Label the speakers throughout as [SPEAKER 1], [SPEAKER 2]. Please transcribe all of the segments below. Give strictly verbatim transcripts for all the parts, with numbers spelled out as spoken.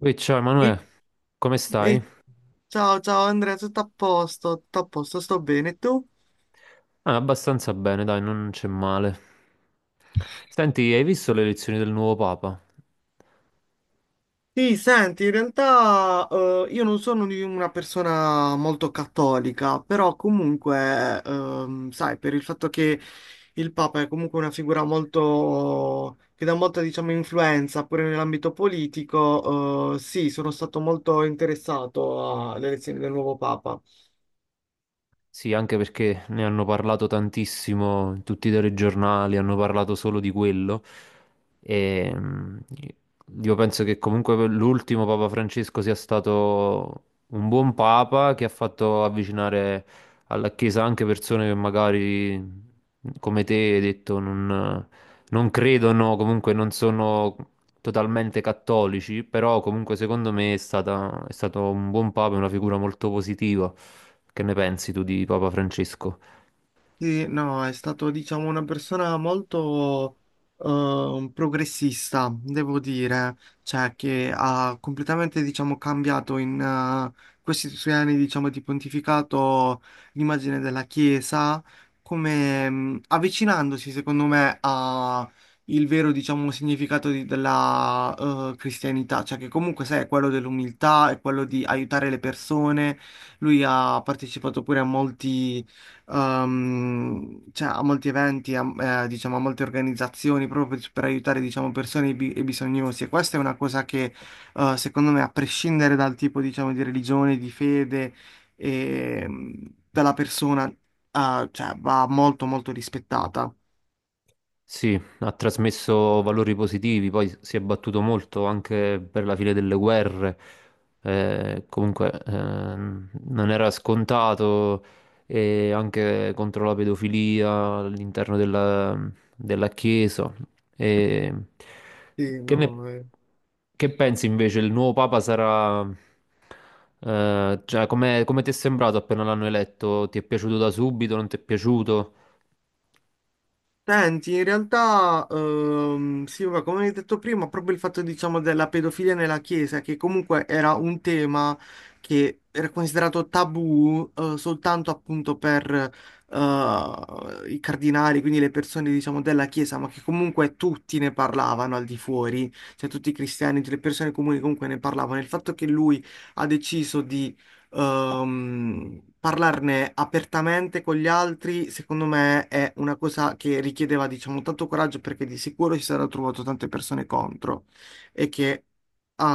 [SPEAKER 1] Ui, ciao
[SPEAKER 2] E-
[SPEAKER 1] Emanuele, come stai?
[SPEAKER 2] e- Ciao, ciao Andrea, tutto a posto, tutto a posto, sto bene. Tu?
[SPEAKER 1] Ah, abbastanza bene, dai, non c'è male. Senti, hai visto le elezioni del nuovo Papa?
[SPEAKER 2] Sì, senti, in realtà eh, io non sono di una persona molto cattolica, però comunque, ehm, sai, per il fatto che il Papa è comunque una figura molto, che dà molta, diciamo, influenza pure nell'ambito politico, eh, sì, sono stato molto interessato alle elezioni del nuovo Papa.
[SPEAKER 1] Sì, anche perché ne hanno parlato tantissimo, in tutti i telegiornali hanno parlato solo di quello. E mm, io penso che comunque l'ultimo Papa Francesco sia stato un buon Papa che ha fatto avvicinare alla Chiesa anche persone che magari, come te, hai detto, non non credono, comunque non sono totalmente cattolici, però comunque secondo me è stata- è stato un buon papa e una figura molto positiva. Che ne pensi tu di Papa Francesco?
[SPEAKER 2] Sì, no, è stato, diciamo, una persona molto eh, progressista, devo dire, cioè che ha completamente, diciamo, cambiato in eh, questi suoi anni, diciamo, di pontificato l'immagine della Chiesa, come mh, avvicinandosi, secondo me, a il vero, diciamo, significato di- della eh, cristianità, cioè che comunque, sai, è quello dell'umiltà, è quello di aiutare le persone. Lui ha partecipato pure a molti ehm, cioè, a molti eventi, a, eh, diciamo, a molte organizzazioni proprio per, per aiutare, diciamo, persone bi- e bisognosi. E questa è una cosa che, eh, secondo me, a prescindere dal tipo, diciamo, di religione, di fede e mm, della persona, eh, cioè, va molto, molto rispettata.
[SPEAKER 1] Sì, ha trasmesso valori positivi, poi si è battuto molto anche per la fine delle guerre. Eh, comunque, ehm, non era scontato e anche contro la pedofilia all'interno della, della Chiesa. E
[SPEAKER 2] Sì,
[SPEAKER 1] che ne-
[SPEAKER 2] no, eh.
[SPEAKER 1] che pensi invece? Il nuovo Papa sarà... eh, cioè, come come ti è sembrato appena l'hanno eletto? Ti è piaciuto da subito? Non ti è piaciuto?
[SPEAKER 2] Senti, in realtà, ehm, sì, vabbè, come hai detto prima, proprio il fatto, diciamo, della pedofilia nella Chiesa, che comunque era un tema che era considerato tabù, eh, soltanto appunto per, eh, i cardinali, quindi le persone, diciamo, della Chiesa, ma che comunque tutti ne parlavano al di fuori, cioè tutti i cristiani, tutte le persone comuni comunque ne parlavano. Il fatto che lui ha deciso Ehm, parlarne apertamente con gli altri, secondo me, è una cosa che richiedeva, diciamo, tanto coraggio perché di sicuro si sarebbero trovato tante persone contro e che,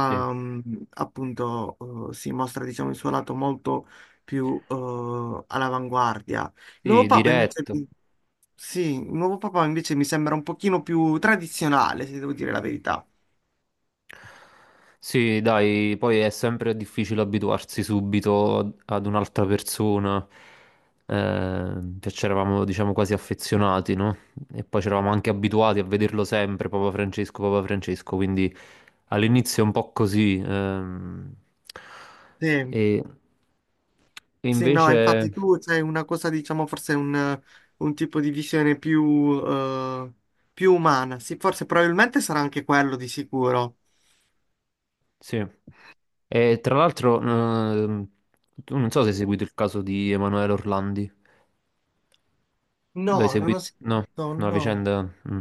[SPEAKER 1] Sì,
[SPEAKER 2] appunto, eh, si mostra, diciamo, il suo lato molto più, eh, all'avanguardia. Il nuovo
[SPEAKER 1] sì,
[SPEAKER 2] Papa invece,
[SPEAKER 1] diretto.
[SPEAKER 2] Sì, il nuovo Papa invece mi sembra un pochino più tradizionale, se devo dire la verità.
[SPEAKER 1] Sì, dai, poi è sempre difficile abituarsi subito ad ad un'altra persona. Eh, cioè, c'eravamo, diciamo, quasi affezionati, no? E poi c'eravamo anche abituati a vederlo sempre, Papa Francesco, Papa Francesco, quindi all'inizio è un po' così. ehm,
[SPEAKER 2] Sì.
[SPEAKER 1] e, e
[SPEAKER 2] Sì, no,
[SPEAKER 1] invece,
[SPEAKER 2] infatti tu c'hai una cosa, diciamo, forse un, un tipo di visione più, eh, più umana. Sì, forse probabilmente sarà anche quello di sicuro.
[SPEAKER 1] sì. E tra l'altro, ehm, tu non so se hai seguito il caso di Emanuele Orlandi. Lo hai
[SPEAKER 2] No, non
[SPEAKER 1] seguito?
[SPEAKER 2] ho
[SPEAKER 1] No,
[SPEAKER 2] sentito,
[SPEAKER 1] no, la
[SPEAKER 2] no.
[SPEAKER 1] vicenda. mm.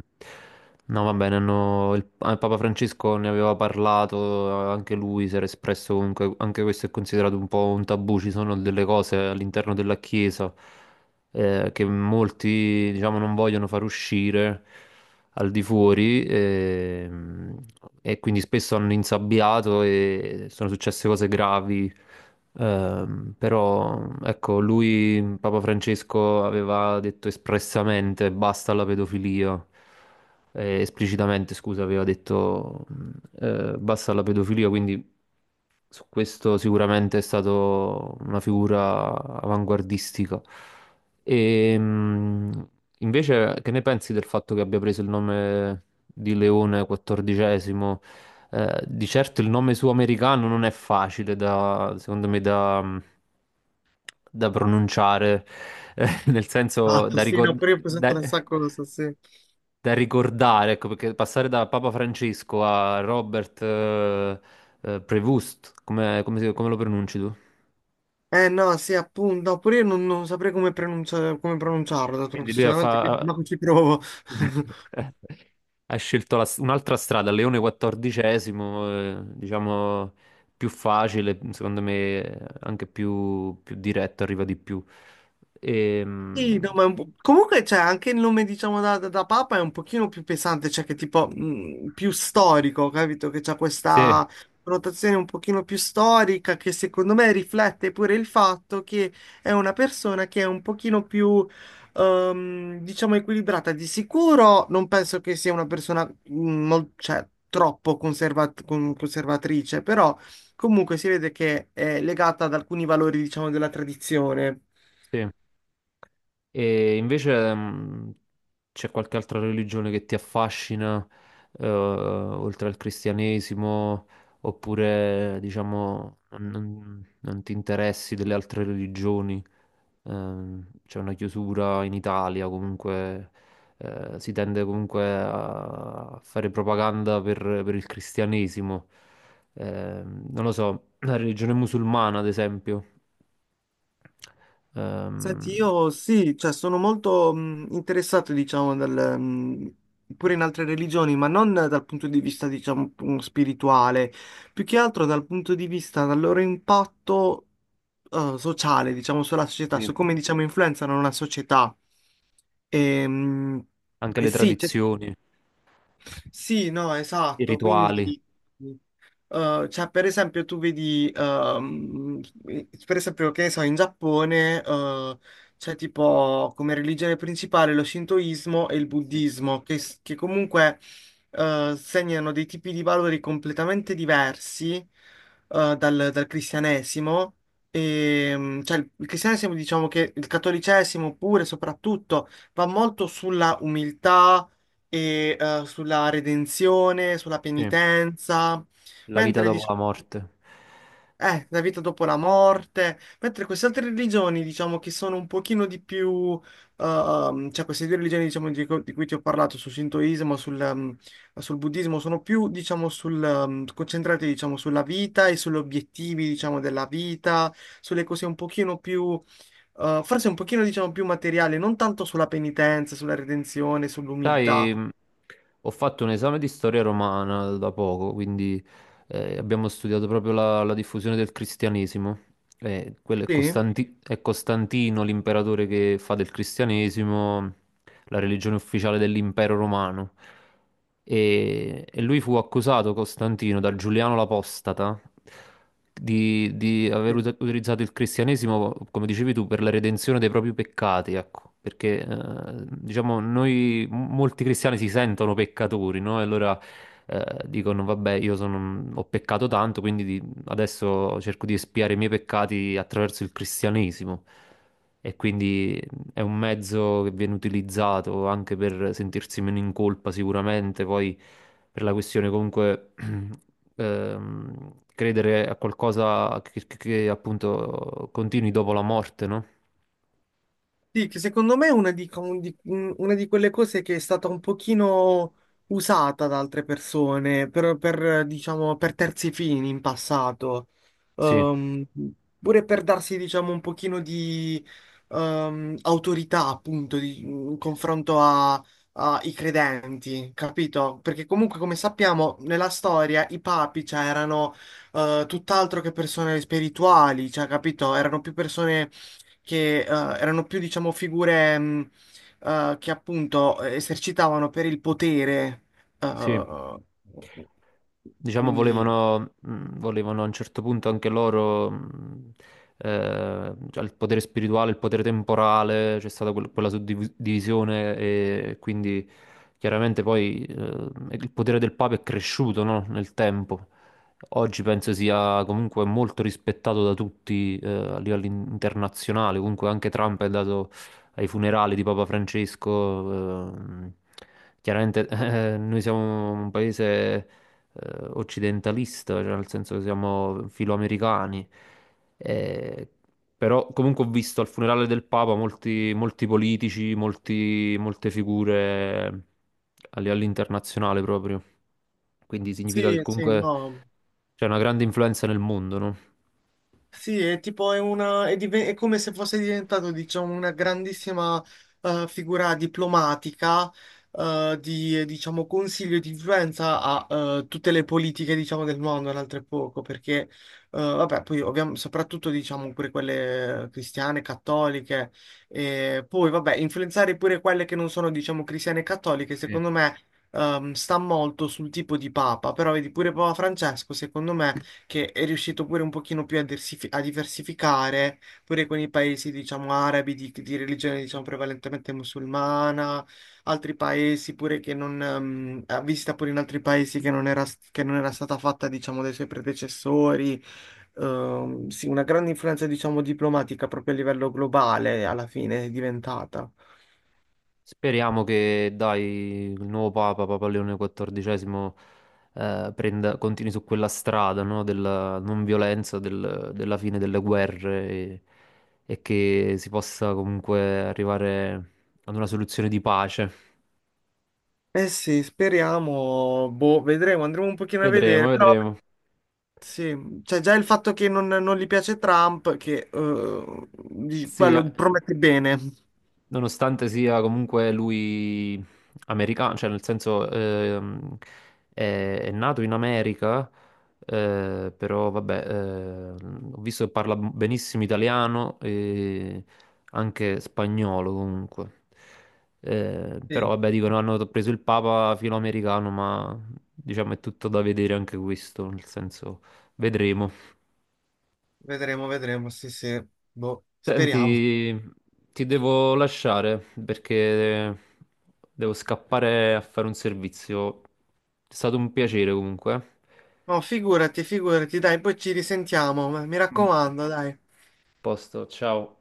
[SPEAKER 1] No, va bene, hanno- il, ah, il Papa Francesco ne aveva parlato, anche lui si era espresso comunque, anche questo è considerato un po' un tabù, ci sono delle cose all'interno della Chiesa eh, che molti, diciamo, non vogliono far uscire al di fuori ehm, e, quindi spesso hanno insabbiato e sono successe cose gravi. Ehm, però ecco, lui, Papa Francesco, aveva detto espressamente basta alla pedofilia. Eh, esplicitamente, scusa, aveva detto mh, eh, basta alla pedofilia, quindi su questo sicuramente è stato una figura avanguardistica. E, mh, Invece, che ne pensi del fatto che abbia preso il nome di Leone quattordicesimo? Eh, di certo il nome suo americano non è facile da, secondo me, da, da pronunciare, eh, nel
[SPEAKER 2] Ah,
[SPEAKER 1] senso
[SPEAKER 2] tu
[SPEAKER 1] da
[SPEAKER 2] sì, no, pure io ho presentato la stessa
[SPEAKER 1] ricordare
[SPEAKER 2] cosa, sì.
[SPEAKER 1] da ricordare, ecco, perché passare da Papa Francesco a Robert eh, eh, Prevost, come, come si- come lo pronunci tu?
[SPEAKER 2] Eh no, sì, appunto, no, pure io non, non saprei come, pronuncia- come pronunciarlo,
[SPEAKER 1] Quindi lui ha,
[SPEAKER 2] sinceramente, quindi
[SPEAKER 1] fa-
[SPEAKER 2] ma ci provo.
[SPEAKER 1] ha scelto la- un'altra strada, Leone quattordicesimo, eh, diciamo più facile, secondo me eh, anche più, più diretto, arriva di più.
[SPEAKER 2] Sì,
[SPEAKER 1] Ehm,
[SPEAKER 2] no, ma è un po'- comunque c'è anche il nome, diciamo, da, da- da Papa è un pochino più pesante, cioè che tipo mh, più storico, capito? Che c'è
[SPEAKER 1] sì,
[SPEAKER 2] questa connotazione un pochino più storica che secondo me riflette pure il fatto che è una persona che è un pochino più, ehm, diciamo, equilibrata. Di sicuro non penso che sia una persona, mh, mol- cioè, troppo conservat- con- conservatrice, però comunque si vede che è legata ad alcuni valori, diciamo, della tradizione.
[SPEAKER 1] sì. E invece mh, c'è qualche altra religione che ti affascina, eh, oltre al cristianesimo, oppure diciamo non, non- non ti interessi delle altre religioni? Ehm, c'è una chiusura in Italia, comunque eh, si tende comunque a fare propaganda per, per il cristianesimo. Ehm, non lo so, la religione musulmana, ad esempio.
[SPEAKER 2] Senti,
[SPEAKER 1] Ehm,
[SPEAKER 2] io sì, cioè sono molto mh, interessato, diciamo, dal, mh, pure in altre religioni, ma non dal punto di vista, diciamo, mh, spirituale, più che altro dal punto di vista del loro impatto eh, sociale, diciamo, sulla società,
[SPEAKER 1] sì,
[SPEAKER 2] su come, diciamo, influenzano una società. E, mh,
[SPEAKER 1] anche
[SPEAKER 2] e
[SPEAKER 1] le
[SPEAKER 2] sì,
[SPEAKER 1] tradizioni.
[SPEAKER 2] sì, no,
[SPEAKER 1] I
[SPEAKER 2] esatto.
[SPEAKER 1] rituali,
[SPEAKER 2] Quindi, eh, cioè, per esempio, tu vedi, ehm, per esempio, che ne so, in Giappone, eh, c'è tipo come religione principale lo shintoismo e il
[SPEAKER 1] sì.
[SPEAKER 2] buddismo, che, che comunque, eh, segnano dei tipi di valori completamente diversi, eh, dal, dal cristianesimo. E, mm, cioè, il il cristianesimo, diciamo che il cattolicesimo pure, soprattutto, va molto sulla umiltà e eh, sulla redenzione, sulla
[SPEAKER 1] Sì,
[SPEAKER 2] penitenza,
[SPEAKER 1] la vita
[SPEAKER 2] mentre
[SPEAKER 1] dopo la
[SPEAKER 2] diciamo,
[SPEAKER 1] morte.
[SPEAKER 2] eh, la vita dopo la morte, mentre queste altre religioni, diciamo, che sono un pochino di più, ehm, cioè queste due religioni, diciamo, di, co- di cui ti ho parlato, sul Shintoismo, sul, ehm, sul buddismo, sono più, diciamo, sul, ehm, concentrate, diciamo, sulla vita e sugli obiettivi, diciamo, della vita, sulle cose un pochino più... Uh, forse un pochino, diciamo, più materiale, non tanto sulla penitenza, sulla redenzione, sull'umiltà.
[SPEAKER 1] Sai, mh, ho fatto un esame di storia romana da poco, quindi eh, abbiamo studiato proprio la, la diffusione del cristianesimo. Eh, quello è
[SPEAKER 2] Sì?
[SPEAKER 1] Costanti- è Costantino, l'imperatore che fa del cristianesimo la religione ufficiale dell'impero romano. E, e lui fu accusato, Costantino, da Giuliano l'Apostata di, di aver ut- utilizzato il cristianesimo, come dicevi tu, per la redenzione dei propri peccati, ecco. Perché, eh, diciamo, noi, m- molti cristiani si sentono peccatori, no? E allora eh, dicono, vabbè, io sono- ho peccato tanto, quindi di- adesso cerco di espiare i miei peccati attraverso il cristianesimo. E quindi è un mezzo che viene utilizzato anche per sentirsi meno in colpa sicuramente, poi per la questione comunque ehm, credere a qualcosa che, che- che, appunto continui dopo la morte, no?
[SPEAKER 2] Sì, che secondo me è una di, un di- un- una di quelle cose che è stata un pochino usata da altre persone per, per, diciamo, per terzi fini in passato.
[SPEAKER 1] Sì,
[SPEAKER 2] Ehm, Pure per darsi, diciamo, un pochino di ehm, autorità, appunto, di- in confronto a- ai credenti, capito? Perché comunque, come sappiamo, nella storia i papi, cioè, erano eh, tutt'altro che persone spirituali, cioè, capito? Erano più persone che eh, erano più, diciamo, figure mh, eh, che appunto esercitavano per il potere.
[SPEAKER 1] sì.
[SPEAKER 2] eh,
[SPEAKER 1] Diciamo,
[SPEAKER 2] quindi
[SPEAKER 1] volevano, mh, volevano a un certo punto anche loro mh, eh, cioè il potere spirituale, il potere temporale, c'è stata quel- quella suddivisione e quindi chiaramente poi eh, il potere del Papa è cresciuto, no, nel tempo. Oggi penso sia comunque molto rispettato da tutti eh, a livello in- internazionale, comunque anche Trump è andato ai funerali di Papa Francesco. ehm, Chiaramente eh, noi siamo un paese eh, occidentalista, cioè nel senso che siamo filoamericani. Eh, però comunque ho visto al funerale del Papa molti, molti politici, molti- molte figure eh, a livello internazionale proprio. Quindi significa che
[SPEAKER 2] sì, sì,
[SPEAKER 1] comunque
[SPEAKER 2] no.
[SPEAKER 1] c'è una grande influenza nel mondo, no?
[SPEAKER 2] Sì, è tipo è una, è, diven- è come se fosse diventato, diciamo, una grandissima eh, figura diplomatica eh, di, eh, diciamo, consiglio e di influenza a eh, tutte le politiche, diciamo, del mondo, altrettanto perché, eh, vabbè, poi ovviamente, soprattutto, diciamo, pure quelle cristiane, cattoliche, e poi, vabbè, influenzare pure quelle che non sono, diciamo, cristiane e cattoliche,
[SPEAKER 1] Sì.
[SPEAKER 2] secondo me, ehm, sta molto sul tipo di papa, però vedi, pure Papa Francesco, secondo me che è riuscito pure un pochino più a, diversifi- a diversificare, pure con i paesi, diciamo, arabi di, di religione, diciamo, prevalentemente musulmana, altri paesi pure che non, ehm, ha visita pure in altri paesi che non era, che non era stata fatta, diciamo, dai suoi predecessori. Ehm, sì, una grande influenza, diciamo, diplomatica proprio a livello globale alla fine è diventata.
[SPEAKER 1] Speriamo che, dai, il nuovo Papa, Papa Leone quattordicesimo, eh, prenda- continui su quella strada, no, della non violenza, del- della fine delle guerre e, e che si possa comunque arrivare ad una soluzione di pace.
[SPEAKER 2] Eh sì, speriamo, boh, vedremo, andremo un pochino a
[SPEAKER 1] Vedremo,
[SPEAKER 2] vedere, però
[SPEAKER 1] vedremo.
[SPEAKER 2] sì, cioè già il fatto che non, non gli piace Trump, che eh, di-
[SPEAKER 1] Sì,
[SPEAKER 2] quello promette bene.
[SPEAKER 1] nonostante sia comunque lui americano, cioè nel senso ehm, è, è nato in America, eh, però vabbè, ehm, ho visto che parla benissimo italiano e anche spagnolo comunque. Eh, però
[SPEAKER 2] Sì,
[SPEAKER 1] vabbè, dicono hanno preso il Papa filoamericano, ma diciamo è tutto da vedere anche questo, nel senso vedremo.
[SPEAKER 2] vedremo, vedremo, sì, sì, boh, speriamo.
[SPEAKER 1] Senti, ti devo lasciare perché devo scappare a fare un servizio. È stato un piacere comunque.
[SPEAKER 2] No, figurati, figurati, dai, poi ci risentiamo, ma mi
[SPEAKER 1] Mm.
[SPEAKER 2] raccomando, dai.
[SPEAKER 1] Posto, ciao.